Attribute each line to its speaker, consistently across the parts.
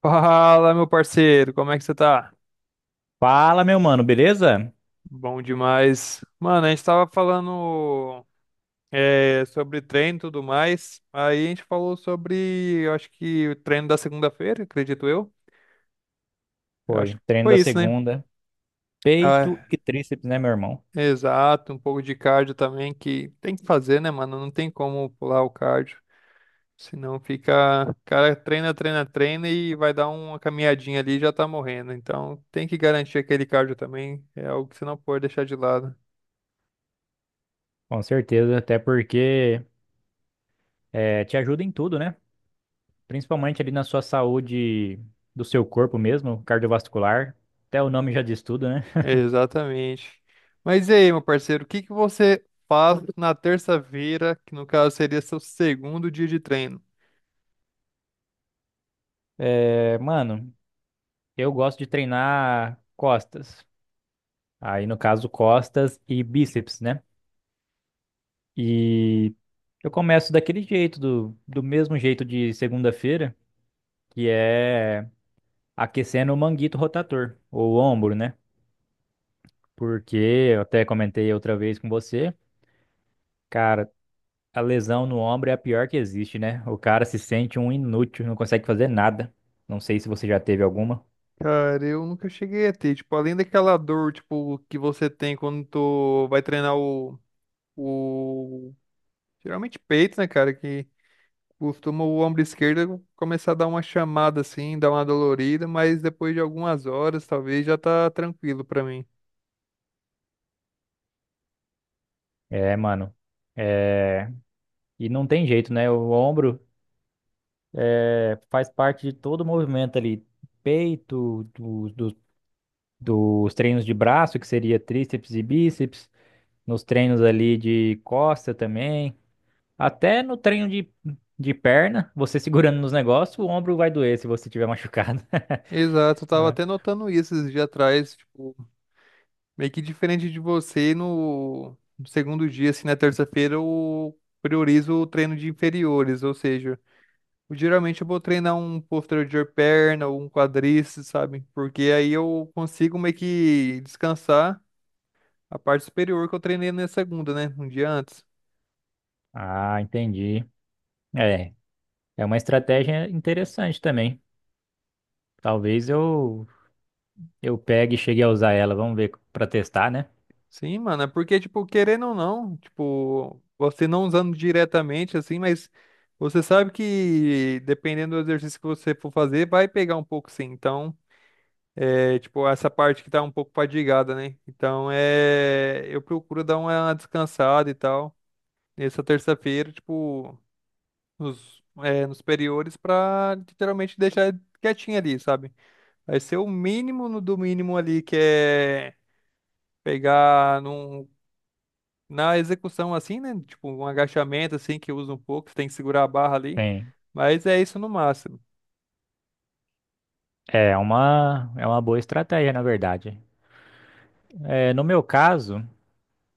Speaker 1: Fala, meu parceiro, como é que você tá?
Speaker 2: Fala, meu mano, beleza?
Speaker 1: Bom demais. Mano, a gente tava falando sobre treino e tudo mais. Aí a gente falou sobre, eu acho que o treino da segunda-feira, acredito eu. Eu acho
Speaker 2: Foi.
Speaker 1: que
Speaker 2: Treino
Speaker 1: foi
Speaker 2: da
Speaker 1: isso, né?
Speaker 2: segunda. Peito
Speaker 1: Ah,
Speaker 2: e tríceps, né, meu irmão?
Speaker 1: exato, um pouco de cardio também que tem que fazer, né, mano? Não tem como pular o cardio. Senão fica, cara, treina, treina, treina e vai dar uma caminhadinha ali e já tá morrendo. Então tem que garantir aquele cardio também. É algo que você não pode deixar de lado.
Speaker 2: Com certeza, até porque te ajuda em tudo, né? Principalmente ali na sua saúde do seu corpo mesmo, cardiovascular. Até o nome já diz tudo, né?
Speaker 1: Exatamente. Mas e aí, meu parceiro, o que que você faz na terça-feira, que no caso seria seu segundo dia de treino?
Speaker 2: É, mano, eu gosto de treinar costas. Aí, no caso, costas e bíceps, né? E eu começo daquele jeito, do mesmo jeito de segunda-feira, que é, aquecendo o manguito rotator, ou o ombro, né? Porque eu até comentei outra vez com você, cara, a lesão no ombro é a pior que existe, né? O cara se sente um inútil, não consegue fazer nada. Não sei se você já teve alguma.
Speaker 1: Cara, eu nunca cheguei a ter, tipo, além daquela dor, tipo, que você tem quando tu vai treinar o... Geralmente peito, né, cara, que costuma o ombro esquerdo começar a dar uma chamada assim, dar uma dolorida, mas depois de algumas horas, talvez, já tá tranquilo pra mim.
Speaker 2: É, mano. É... E não tem jeito, né? O ombro, é, faz parte de todo o movimento ali. Peito, dos treinos de braço, que seria tríceps e bíceps, nos treinos ali de costa também. Até no treino de perna, você segurando nos negócios, o ombro vai doer se você tiver machucado.
Speaker 1: Exato, eu tava
Speaker 2: É.
Speaker 1: até notando isso esses dias atrás, tipo, meio que diferente de você, no segundo dia, assim, na terça-feira, eu priorizo o treino de inferiores, ou seja, geralmente eu vou treinar um posterior de perna ou um quadríceps, sabe? Porque aí eu consigo meio que descansar a parte superior que eu treinei na segunda, né? Um dia antes.
Speaker 2: Ah, entendi. É, é uma estratégia interessante também. Talvez eu pegue e chegue a usar ela. Vamos ver para testar, né?
Speaker 1: Sim, mano, é porque, tipo, querendo ou não, tipo, você não usando diretamente, assim, mas você sabe que dependendo do exercício que você for fazer, vai pegar um pouco, sim. Então. É tipo essa parte que tá um pouco padigada, né? Então é. Eu procuro dar uma descansada e tal. Nessa terça-feira, tipo, nos superiores, pra literalmente deixar quietinho ali, sabe? Vai ser o mínimo no do mínimo ali, que é pegar num, na execução assim, né? Tipo, um agachamento assim que usa um pouco, você tem que segurar a barra ali.
Speaker 2: Sim.
Speaker 1: Mas é isso no máximo.
Speaker 2: É uma boa estratégia, na verdade. É, no meu caso,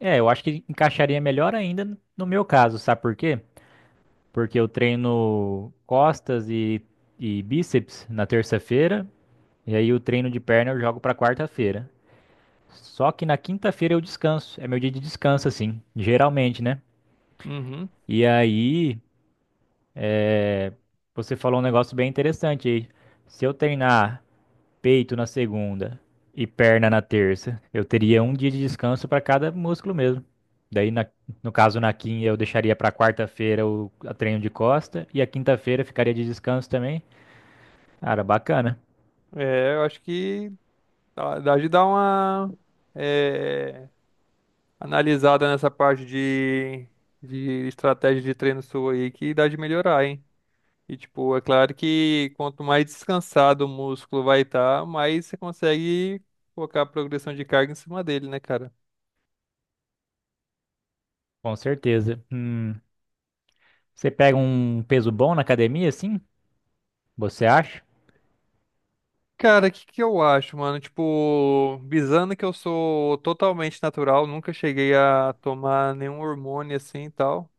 Speaker 2: é, eu acho que encaixaria melhor ainda no meu caso, sabe por quê? Porque eu treino e bíceps na terça-feira. E aí o treino de perna eu jogo pra quarta-feira. Só que na quinta-feira eu descanso. É meu dia de descanso, assim, geralmente, né?
Speaker 1: Uhum.
Speaker 2: E aí, você falou um negócio bem interessante aí. Se eu treinar peito na segunda e perna na terça, eu teria um dia de descanso para cada músculo mesmo. Daí, na- no caso, na quinta, eu deixaria para quarta-feira o a treino de costa e a quinta-feira ficaria de descanso também. Cara, bacana.
Speaker 1: É, eu acho que dá de dar uma. eh, analisada nessa parte de estratégia de treino sua aí que dá de melhorar, hein? E, tipo, é claro que quanto mais descansado o músculo vai estar, mais você consegue colocar a progressão de carga em cima dele, né, cara?
Speaker 2: Com certeza. Você pega um peso bom na academia, assim? Você acha?
Speaker 1: Cara, o que que eu acho, mano? Tipo, visando que eu sou totalmente natural, nunca cheguei a tomar nenhum hormônio assim e tal.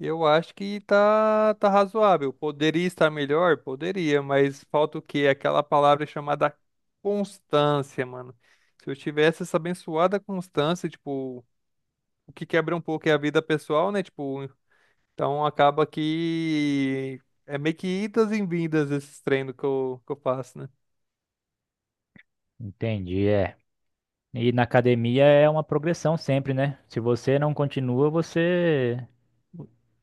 Speaker 1: Eu acho que tá razoável. Poderia estar melhor? Poderia, mas falta o quê? Aquela palavra chamada constância, mano. Se eu tivesse essa abençoada constância, tipo, o que quebra um pouco é a vida pessoal, né? Tipo, então acaba que é meio que idas e vindas esses treinos que eu faço, né?
Speaker 2: Entendi, é. E na academia é uma progressão sempre, né? Se você não continua, você.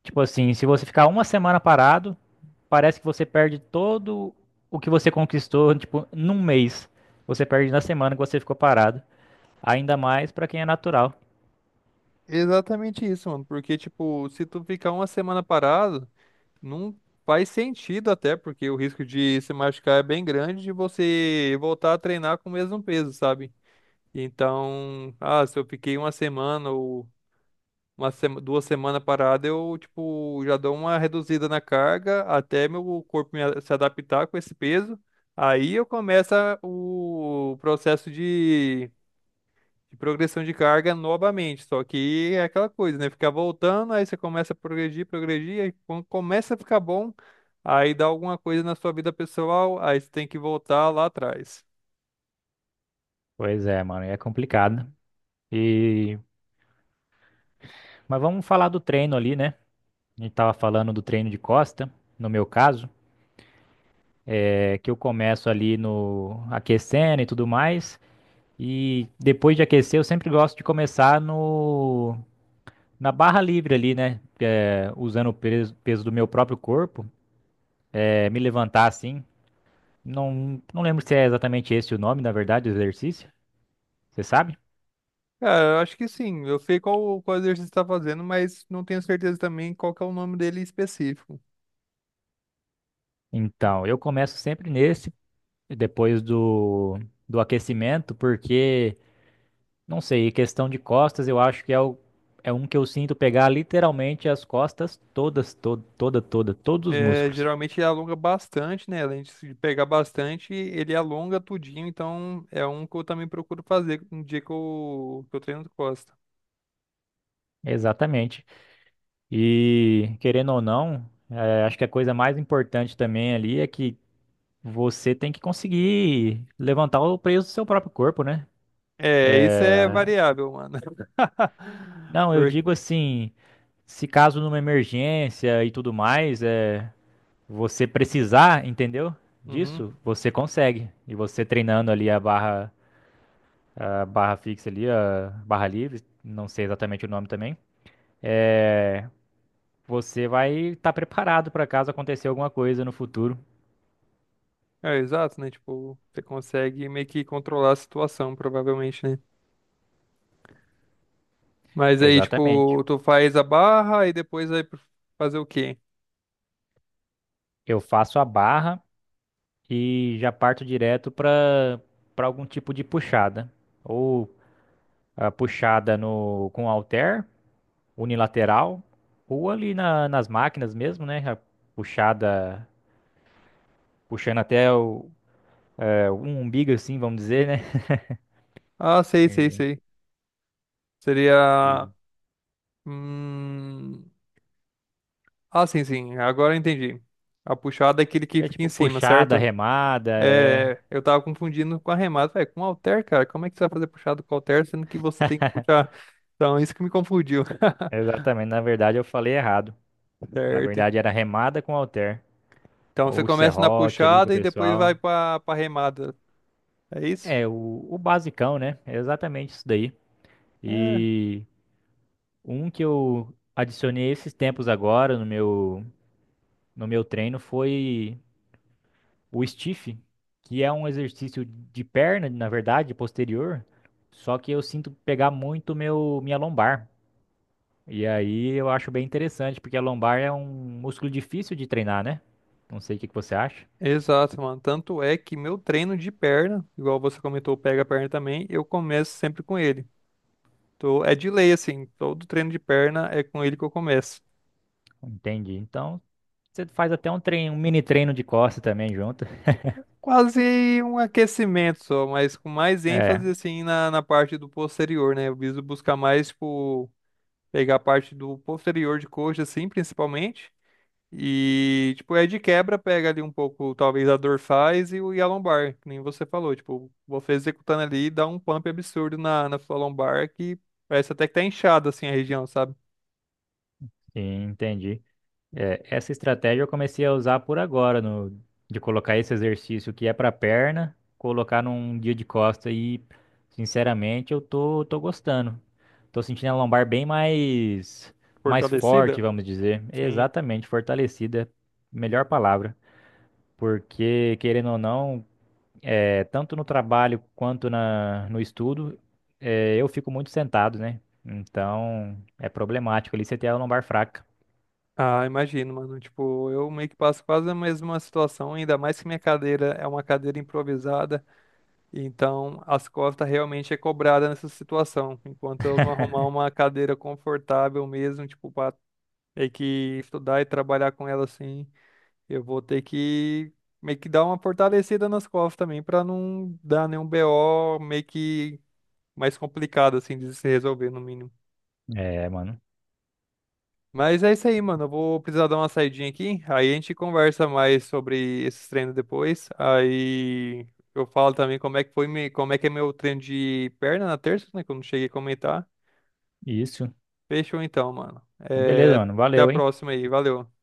Speaker 2: Tipo assim, se você ficar uma semana parado, parece que você perde todo o que você conquistou, tipo, num mês. Você perde na semana que você ficou parado. Ainda mais pra quem é natural.
Speaker 1: Exatamente isso, mano. Porque, tipo, se tu ficar uma semana parado. Não faz sentido até, porque o risco de se machucar é bem grande de você voltar a treinar com o mesmo peso, sabe? Então, ah, se eu fiquei uma semana ou duas semanas parada, eu, tipo, já dou uma reduzida na carga até meu corpo se adaptar com esse peso. Aí eu começo o processo de progressão de carga novamente. Só que é aquela coisa, né? Ficar voltando, aí você começa a progredir, progredir, aí quando começa a ficar bom, aí dá alguma coisa na sua vida pessoal, aí você tem que voltar lá atrás.
Speaker 2: Pois é, mano, é complicado. E mas vamos falar do treino ali, né? A gente tava falando do treino de costa, no meu caso, é que eu começo ali no aquecendo e tudo mais. E depois de aquecer, eu sempre gosto de começar no, na barra livre ali, né? É, usando o peso, peso do meu próprio corpo, é, me levantar assim. Não lembro se é exatamente esse o nome, na verdade, do exercício. Você sabe?
Speaker 1: Cara, eu acho que sim. Eu sei qual exercício você está fazendo, mas não tenho certeza também qual que é o nome dele específico.
Speaker 2: Então, eu começo sempre nesse, depois do aquecimento, porque, não sei, questão de costas, eu acho que é, o, é um que eu sinto pegar literalmente as costas todas, todos os
Speaker 1: É,
Speaker 2: músculos.
Speaker 1: geralmente ele alonga bastante, né? Além de pegar bastante, ele alonga tudinho. Então é um que eu também procuro fazer no dia que eu treino costa.
Speaker 2: Exatamente. E querendo ou não, acho que a coisa mais importante também ali é que você tem que conseguir levantar o peso do seu próprio corpo, né?
Speaker 1: É, isso é variável, mano.
Speaker 2: Não, eu
Speaker 1: Porque...
Speaker 2: digo assim, se caso numa emergência e tudo mais, é, você precisar, entendeu?
Speaker 1: Uhum.
Speaker 2: Disso, você consegue. E você treinando ali a barra fixa ali, a barra livre, não sei exatamente o nome também, é, você vai estar preparado para caso acontecer alguma coisa no futuro.
Speaker 1: É, exato, né? Tipo, você consegue meio que controlar a situação, provavelmente, né? Mas aí,
Speaker 2: Exatamente.
Speaker 1: tipo, tu faz a barra e depois vai fazer o quê?
Speaker 2: Eu faço a barra e já parto direto para algum tipo de puxada. Ou a puxada no com halter, unilateral, ou nas máquinas mesmo, né? A puxada puxando até o, é, um umbigo, assim, vamos dizer, né?
Speaker 1: Ah, sei, sei,
Speaker 2: E,
Speaker 1: sei. Seria.
Speaker 2: e
Speaker 1: Hum... Ah, sim, sim. Agora eu entendi. A puxada é aquele que
Speaker 2: seria
Speaker 1: fica em
Speaker 2: tipo
Speaker 1: cima,
Speaker 2: puxada,
Speaker 1: certo?
Speaker 2: remada, é.
Speaker 1: É, eu tava confundindo com arremate, velho. Com halter, cara, como é que você vai fazer puxado com halter, sendo que você tem que puxar? Então, isso que me confundiu.
Speaker 2: Exatamente. Na verdade, eu falei errado. Na
Speaker 1: Certo,
Speaker 2: verdade, era remada com halter.
Speaker 1: então você
Speaker 2: Ou
Speaker 1: começa na
Speaker 2: serrote ali com o
Speaker 1: puxada e depois
Speaker 2: pessoal.
Speaker 1: vai pra remada. É isso?
Speaker 2: É, o basicão, né? É exatamente isso daí.
Speaker 1: É,
Speaker 2: E um que eu adicionei esses tempos agora no no meu treino foi o stiff, que é um exercício de perna, na verdade, posterior, só que eu sinto pegar muito minha lombar. E aí eu acho bem interessante, porque a lombar é um músculo difícil de treinar, né? Não sei o que que você acha.
Speaker 1: exato, mano. Tanto é que meu treino de perna, igual você comentou, pega a perna também, eu começo sempre com ele. Tô, é de lei, assim, todo treino de perna é com ele que eu começo.
Speaker 2: Entendi. Então, você faz até um treino, um mini treino de costas também junto.
Speaker 1: Quase um aquecimento só, mas com mais
Speaker 2: É,
Speaker 1: ênfase, assim, na parte do posterior, né? Eu viso buscar mais, tipo, pegar a parte do posterior de coxa, assim, principalmente. E, tipo, é de quebra, pega ali um pouco, talvez, a dorsais e a lombar, que nem você falou. Tipo, você executando ali, dá um pump absurdo na sua lombar, que parece até que tá inchada, assim, a região, sabe?
Speaker 2: sim, entendi. É, essa estratégia eu comecei a usar por agora, no, de colocar esse exercício que é para perna, colocar num dia de costa e, sinceramente, tô gostando. Tô sentindo a lombar bem mais, mais
Speaker 1: Fortalecida.
Speaker 2: forte, vamos dizer.
Speaker 1: Sim.
Speaker 2: Exatamente, fortalecida, melhor palavra. Porque, querendo ou não, é, tanto no trabalho quanto no estudo, é, eu fico muito sentado, né? Então, é problemático ali você ter a lombar fraca.
Speaker 1: Ah, imagino, mano. Tipo, eu meio que passo quase a mesma situação, ainda mais que minha cadeira é uma cadeira improvisada, então as costas realmente é cobrada nessa situação. Enquanto eu não arrumar uma cadeira confortável mesmo, tipo, pra ter que estudar e trabalhar com ela assim. Eu vou ter que meio que dar uma fortalecida nas costas também pra não dar nenhum BO meio que mais complicado assim de se resolver no mínimo.
Speaker 2: É, mano.
Speaker 1: Mas é isso aí, mano. Eu vou precisar dar uma saidinha aqui. Aí a gente conversa mais sobre esses treinos depois. Aí eu falo também como é que foi, como é que é meu treino de perna na terça, né? Que eu não cheguei a comentar.
Speaker 2: Isso.
Speaker 1: Fechou então, mano. É,
Speaker 2: Beleza, mano.
Speaker 1: até a
Speaker 2: Valeu, hein?
Speaker 1: próxima aí. Valeu.